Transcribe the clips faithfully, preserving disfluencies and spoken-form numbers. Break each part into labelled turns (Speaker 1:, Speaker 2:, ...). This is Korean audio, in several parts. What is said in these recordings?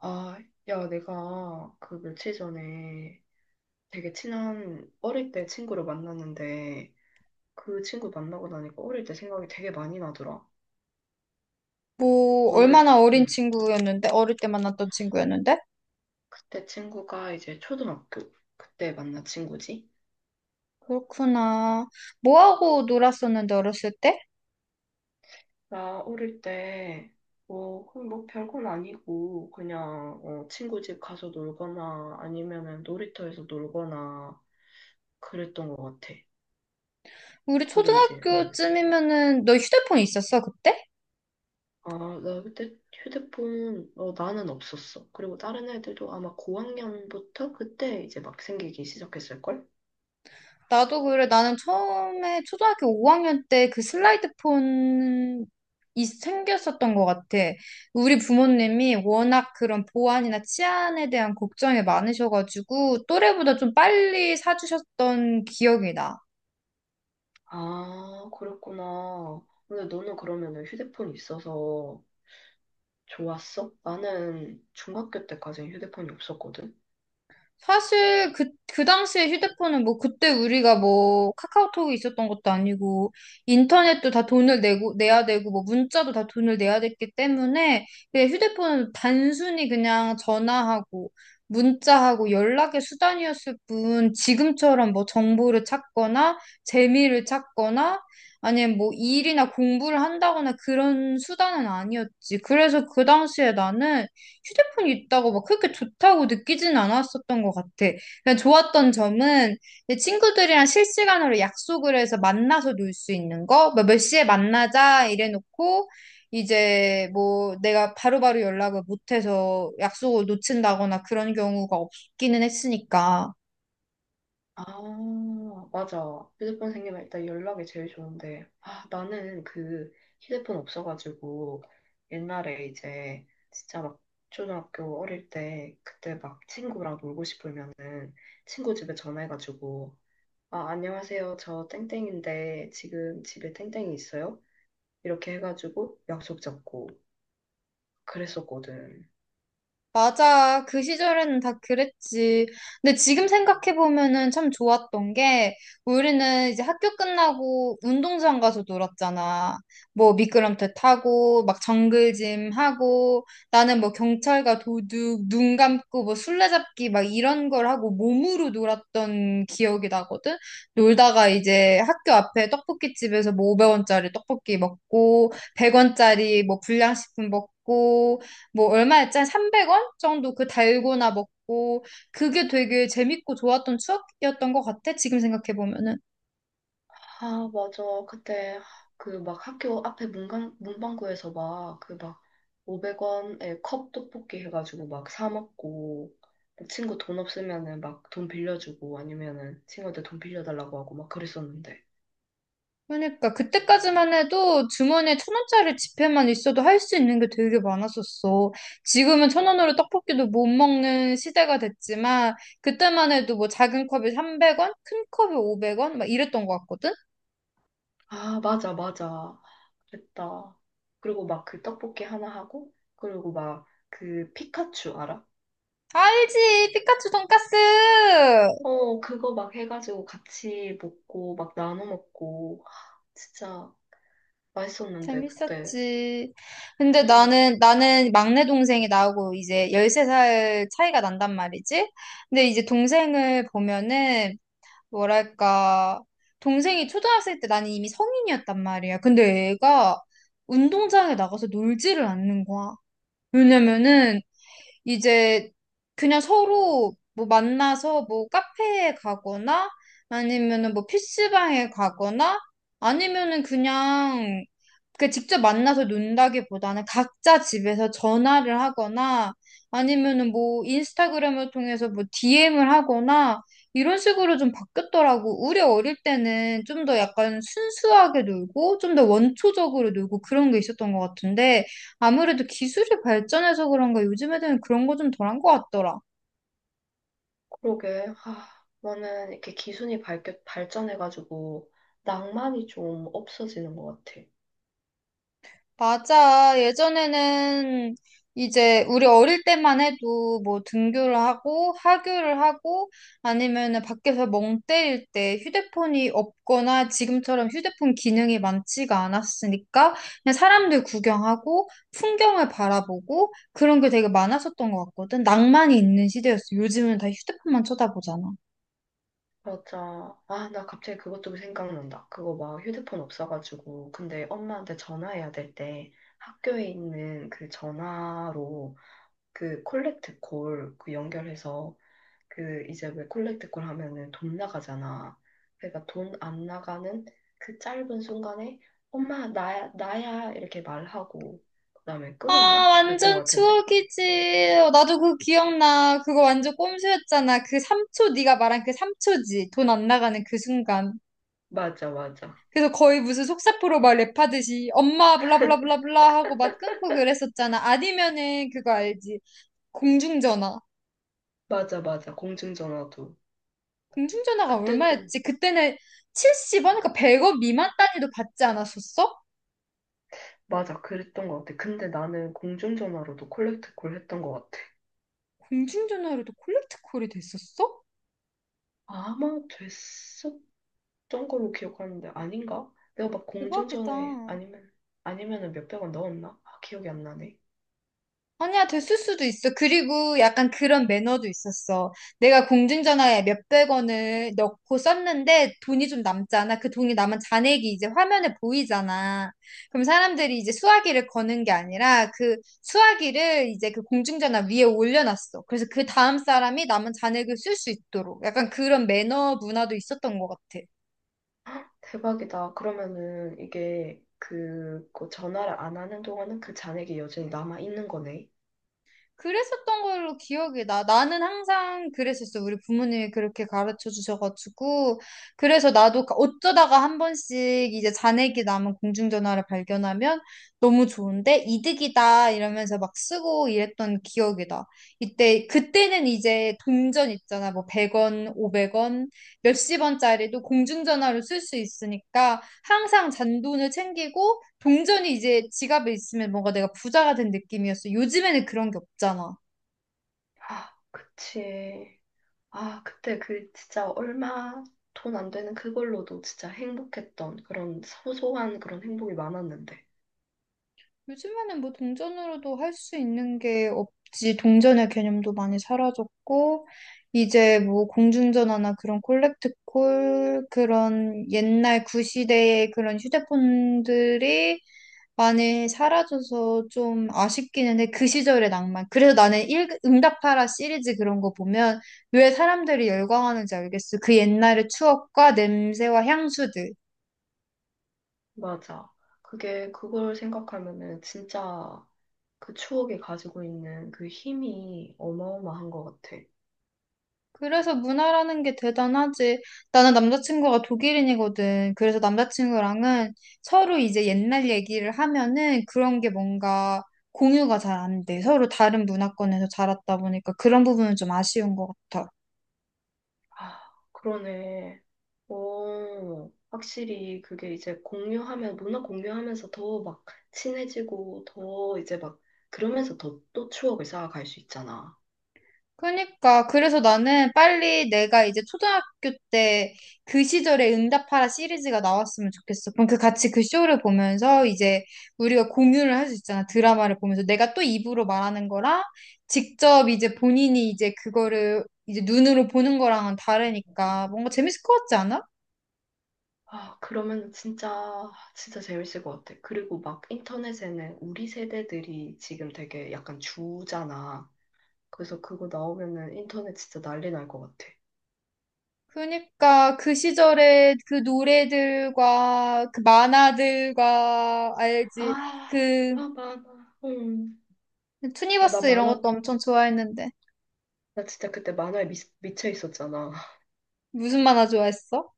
Speaker 1: 아, 야, 내가 그 며칠 전에 되게 친한 어릴 때 친구를 만났는데 그 친구 만나고 나니까 어릴 때 생각이 되게 많이 나더라.
Speaker 2: 뭐,
Speaker 1: 너는,
Speaker 2: 얼마나 어린
Speaker 1: 응,
Speaker 2: 친구였는데? 어릴 때 만났던 친구였는데?
Speaker 1: 그때 친구가 이제 초등학교 그때 만난 친구지?
Speaker 2: 그렇구나. 뭐 하고 놀았었는데, 어렸을 때?
Speaker 1: 나 어릴 때 뭐, 그냥 뭐 별건 아니고 그냥 어, 친구 집 가서 놀거나 아니면은 놀이터에서 놀거나 그랬던 것 같아.
Speaker 2: 우리
Speaker 1: 근데 이제, 응.
Speaker 2: 초등학교쯤이면은, 너 휴대폰 있었어, 그때?
Speaker 1: 아, 나 그때 휴대폰, 어, 나는 없었어. 그리고 다른 애들도 아마 고학년부터 그때 이제 막 생기기 시작했을걸?
Speaker 2: 나도 그래. 나는 처음에 초등학교 오 학년 때 그 슬라이드 폰이 생겼었던 것 같아. 우리 부모님이 워낙 그런 보안이나 치안에 대한 걱정이 많으셔가지고, 또래보다 좀 빨리 사주셨던 기억이 나.
Speaker 1: 아, 그랬구나. 근데 너는 그러면은 휴대폰 있어서 좋았어? 나는 중학교 때까지 휴대폰이 없었거든?
Speaker 2: 사실 그, 그 당시에 휴대폰은 뭐 그때 우리가 뭐 카카오톡이 있었던 것도 아니고 인터넷도 다 돈을 내고 내야 되고 뭐 문자도 다 돈을 내야 됐기 때문에 그냥 휴대폰은 단순히 그냥 전화하고 문자하고 연락의 수단이었을 뿐 지금처럼 뭐 정보를 찾거나 재미를 찾거나 아니면 뭐 일이나 공부를 한다거나 그런 수단은 아니었지. 그래서 그 당시에 나는 휴대폰이 있다고 막 그렇게 좋다고 느끼진 않았었던 것 같아. 그냥 좋았던 점은 내 친구들이랑 실시간으로 약속을 해서 만나서 놀 수 있는 거, 뭐몇 시에 만나자 이래놓고 이제 뭐 내가 바로바로 연락을 못해서 약속을 놓친다거나 그런 경우가 없기는 했으니까.
Speaker 1: 아, 맞아. 휴대폰 생기면 일단 연락이 제일 좋은데. 아, 나는 그 휴대폰 없어가지고 옛날에 이제 진짜 막 초등학교 어릴 때 그때 막 친구랑 놀고 싶으면은 친구 집에 전화해가지고 아, 안녕하세요. 저 땡땡인데 지금 집에 땡땡이 있어요? 이렇게 해가지고 약속 잡고 그랬었거든.
Speaker 2: 맞아. 그 시절에는 다 그랬지. 근데 지금 생각해보면은 참 좋았던 게, 우리는 이제 학교 끝나고 운동장 가서 놀았잖아. 뭐 미끄럼틀 타고, 막 정글짐 하고, 나는 뭐 경찰과 도둑, 눈 감고 뭐 술래잡기 막 이런 걸 하고 몸으로 놀았던 기억이 나거든? 놀다가 이제 학교 앞에 떡볶이집에서 뭐 오백 원짜리 떡볶이 먹고, 백 원짜리 뭐 불량식품 먹고, 뭐 얼마였지? 한 삼백 원 정도 그 달고나 먹고 그게 되게 재밌고 좋았던 추억이었던 것 같아. 지금 생각해 보면은.
Speaker 1: 아, 맞아. 그때 그 막 학교 앞에 문강, 문방구에서 막 그 막 오백 원에 컵 떡볶이 해가지고 막 사 먹고 막 친구 돈 없으면은 막 돈 빌려주고 아니면은 친구한테 돈 빌려달라고 하고 막 그랬었는데.
Speaker 2: 그러니까 그때까지만 해도 주머니에 천 원짜리 지폐만 있어도 할 수 있는 게 되게 많았었어. 지금은 천 원으로 떡볶이도 못 먹는 시대가 됐지만 그때만 해도 뭐 작은 컵이 삼백 원, 큰 컵이 오백 원 막 이랬던 것 같거든.
Speaker 1: 아, 맞아, 맞아. 그랬다. 그리고 막 그 떡볶이 하나 하고 그리고 막 그 피카츄 알아?
Speaker 2: 알지? 피카츄 돈까스!
Speaker 1: 어, 그거 막 해가지고 같이 먹고 막 나눠 먹고 진짜 맛있었는데 그때.
Speaker 2: 재밌었지. 근데
Speaker 1: 음.
Speaker 2: 나는, 나는 막내 동생이 나하고 이제 열세 살 차이가 난단 말이지. 근데 이제 동생을 보면은, 뭐랄까, 동생이 초등학생 때 나는 이미 성인이었단 말이야. 근데 애가 운동장에 나가서 놀지를 않는 거야. 왜냐면은, 이제 그냥 서로 뭐 만나서 뭐 카페에 가거나, 아니면은 뭐피스방에 가거나, 아니면은 그냥 그 직접 만나서 논다기보다는 각자 집에서 전화를 하거나 아니면은 뭐 인스타그램을 통해서 뭐 디엠을 하거나 이런 식으로 좀 바뀌었더라고. 우리 어릴 때는 좀 더 약간 순수하게 놀고 좀 더 원초적으로 놀고 그런 게 있었던 것 같은데 아무래도 기술이 발전해서 그런가 요즘 애들은 그런 거 좀 덜한 것 같더라.
Speaker 1: 그러게. 아, 나는 이렇게 기술이 발, 발전해가지고 낭만이 좀 없어지는 것 같아.
Speaker 2: 맞아. 예전에는 이제 우리 어릴 때만 해도 뭐 등교를 하고 하교를 하고 아니면은 밖에서 멍 때릴 때 휴대폰이 없거나 지금처럼 휴대폰 기능이 많지가 않았으니까 그냥 사람들 구경하고 풍경을 바라보고 그런 게 되게 많았었던 것 같거든. 낭만이 있는 시대였어. 요즘은 다 휴대폰만 쳐다보잖아.
Speaker 1: 맞아. 아, 나 갑자기 그것도 생각난다. 그거 막 휴대폰 없어가지고. 근데 엄마한테 전화해야 될 때 학교에 있는 그 전화로 그 콜렉트 콜 그 연결해서 그 이제 왜 콜렉트콜 하면은 돈 나가잖아. 그러니까 돈 안 나가는 그 짧은 순간에 엄마 나야 나야 이렇게 말하고 그다음에
Speaker 2: 아,
Speaker 1: 끊었나? 그랬던 것
Speaker 2: 완전
Speaker 1: 같은데.
Speaker 2: 추억이지. 어, 나도 그거 기억나. 그거 완전 꼼수였잖아. 그 삼 초, 네가 말한 그 삼 초지. 돈 안 나가는 그 순간.
Speaker 1: 맞아 맞아
Speaker 2: 그래서 거의 무슨 속사포로 막 랩하듯이 엄마 블라블라블라블라 하고 막 끊고 그랬었잖아. 아니면은 그거 알지? 공중전화.
Speaker 1: 맞아 맞아 공중전화도
Speaker 2: 공중전화가
Speaker 1: 그때도
Speaker 2: 얼마였지? 그때는 칠십 원, 그러니까 백 원 미만 단위도 받지 않았었어?
Speaker 1: 맞아 그랬던 것 같아. 근데 나는 공중전화로도 콜렉트콜 했던 것 같아.
Speaker 2: 공중전화로도 콜렉트 콜이 됐었어?
Speaker 1: 아마 됐었던 걸로 기억하는데 아닌가? 내가 막
Speaker 2: 대박이다.
Speaker 1: 공중전화에 아니면 아니면은 몇백 원 넣었나? 아, 기억이 안 나네.
Speaker 2: 아니야, 됐을 수도 있어. 그리고 약간 그런 매너도 있었어. 내가 공중전화에 몇백 원을 넣고 썼는데 돈이 좀 남잖아. 그 돈이 남은 잔액이 이제 화면에 보이잖아. 그럼 사람들이 이제 수화기를 거는 게 아니라 그 수화기를 이제 그 공중전화 위에 올려놨어. 그래서 그 다음 사람이 남은 잔액을 쓸 수 있도록 약간 그런 매너 문화도 있었던 것 같아.
Speaker 1: 대박이다. 그러면은 이게 그, 그 전화를 안 하는 동안은 그 잔액이 여전히 남아 있는 거네.
Speaker 2: 그랬었던 걸로 기억이 나. 나는 항상 그랬었어. 우리 부모님이 그렇게 가르쳐 주셔가지고. 그래서 나도 어쩌다가 한 번씩 이제 잔액이 남은 공중전화를 발견하면 너무 좋은데 이득이다 이러면서 막 쓰고 이랬던 기억이 나. 이때, 그때는 이제 동전 있잖아. 뭐 백 원, 오백 원, 몇십 원짜리도 공중전화로 쓸 수 있으니까 항상 잔돈을 챙기고 동전이 이제 지갑에 있으면 뭔가 내가 부자가 된 느낌이었어. 요즘에는 그런 게 없잖아.
Speaker 1: 아, 그치. 아, 그때 그 진짜 얼마 돈 안 되는 그걸로도 진짜 행복했던 그런 소소한 그런 행복이 많았는데.
Speaker 2: 요즘에는 뭐 동전으로도 할 수 있는 게 없지. 동전의 개념도 많이 사라졌고, 이제 뭐 공중전화나 그런 콜렉트콜, 그런 옛날 구시대의 그런 휴대폰들이 많이 사라져서 좀 아쉽기는 해. 그 시절의 낭만. 그래서 나는 일, 응답하라 시리즈 그런 거 보면 왜 사람들이 열광하는지 알겠어. 그 옛날의 추억과 냄새와 향수들.
Speaker 1: 맞아. 그게 그걸 생각하면은 진짜 그 추억이 가지고 있는 그 힘이 어마어마한 것 같아.
Speaker 2: 그래서 문화라는 게 대단하지. 나는 남자친구가 독일인이거든. 그래서 남자친구랑은 서로 이제 옛날 얘기를 하면은 그런 게 뭔가 공유가 잘 안 돼. 서로 다른 문화권에서 자랐다 보니까 그런 부분은 좀 아쉬운 것 같아.
Speaker 1: 아, 그러네. 어, 확실히 그게 이제 공유하면, 문화 공유하면서 더 막 친해지고, 더 이제 막, 그러면서 더 또 추억을 쌓아갈 수 있잖아.
Speaker 2: 그러니까 그래서 나는 빨리 내가 이제 초등학교 때 그 시절에 응답하라 시리즈가 나왔으면 좋겠어. 그럼 그 같이 그 쇼를 보면서 이제 우리가 공유를 할 수 있잖아. 드라마를 보면서 내가 또 입으로 말하는 거랑 직접 이제 본인이 이제 그거를 이제 눈으로 보는 거랑은 다르니까 뭔가 재밌을 것 같지 않아?
Speaker 1: 아, 그러면 진짜, 진짜 재밌을 것 같아. 그리고 막 인터넷에는 우리 세대들이 지금 되게 약간 주잖아. 그래서 그거 나오면은 인터넷 진짜 난리 날 것 같아.
Speaker 2: 그러니까 그 시절에 그 노래들과 그 만화들과 알지
Speaker 1: 아,
Speaker 2: 그
Speaker 1: 아, 만화. 음. 아, 나
Speaker 2: 투니버스 이런
Speaker 1: 만화,
Speaker 2: 것도 엄청 좋아했는데
Speaker 1: 나 진짜 그때 만화에 미, 미쳐 있었잖아.
Speaker 2: 무슨 만화 좋아했어?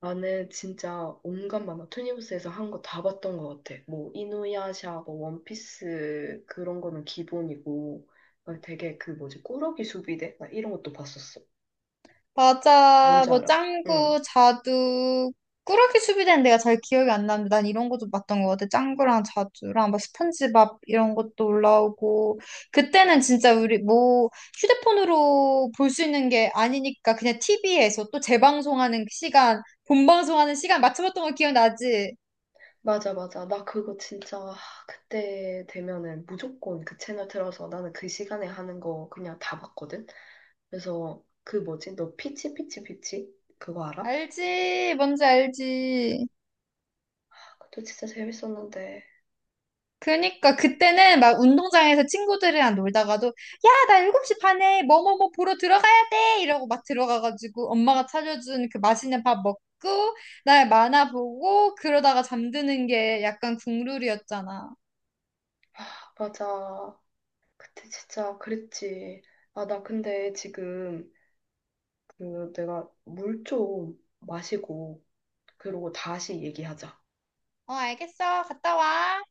Speaker 1: 나는 진짜 온갖 만화 투니버스에서 한 거 다 봤던 것 같아. 뭐 이누야샤, 뭐 원피스 그런 거는 기본이고 막 되게 그 뭐지 꾸러기 수비대 나 이런 것도 봤었어.
Speaker 2: 맞아.
Speaker 1: 뭔지
Speaker 2: 뭐
Speaker 1: 알아? 응.
Speaker 2: 짱구, 자두, 꾸러기 수비대는 내가 잘 기억이 안 나는데 난 이런 거 좀 봤던 것 같아. 짱구랑 자두랑 막 스펀지밥 이런 것도 올라오고 그때는 진짜 우리 뭐 휴대폰으로 볼 수 있는 게 아니니까 그냥 티비에서 또 재방송하는 시간, 본방송하는 시간 맞춰봤던 거 기억나지?
Speaker 1: 맞아 맞아. 나 그거 진짜 아, 그때 되면은 무조건 그 채널 틀어서 나는 그 시간에 하는 거 그냥 다 봤거든. 그래서 그 뭐지 너 피치 피치 피치 그거 알아?
Speaker 2: 알지? 뭔지 알지?
Speaker 1: 아, 그것도 진짜 재밌었는데.
Speaker 2: 그니까 그때는 막 운동장에서 친구들이랑 놀다가도 야, 나 일곱 시 반에 뭐뭐뭐 보러 들어가야 돼 이러고 막 들어가가지고 엄마가 차려준 그 맛있는 밥 먹고 날 만화 보고 그러다가 잠드는 게 약간 국룰이었잖아.
Speaker 1: 아, 맞아. 그때 진짜 그랬지. 아, 나 근데 지금 그 내가 물 좀 마시고 그러고 다시 얘기하자.
Speaker 2: 어, 알겠어. 갔다 와.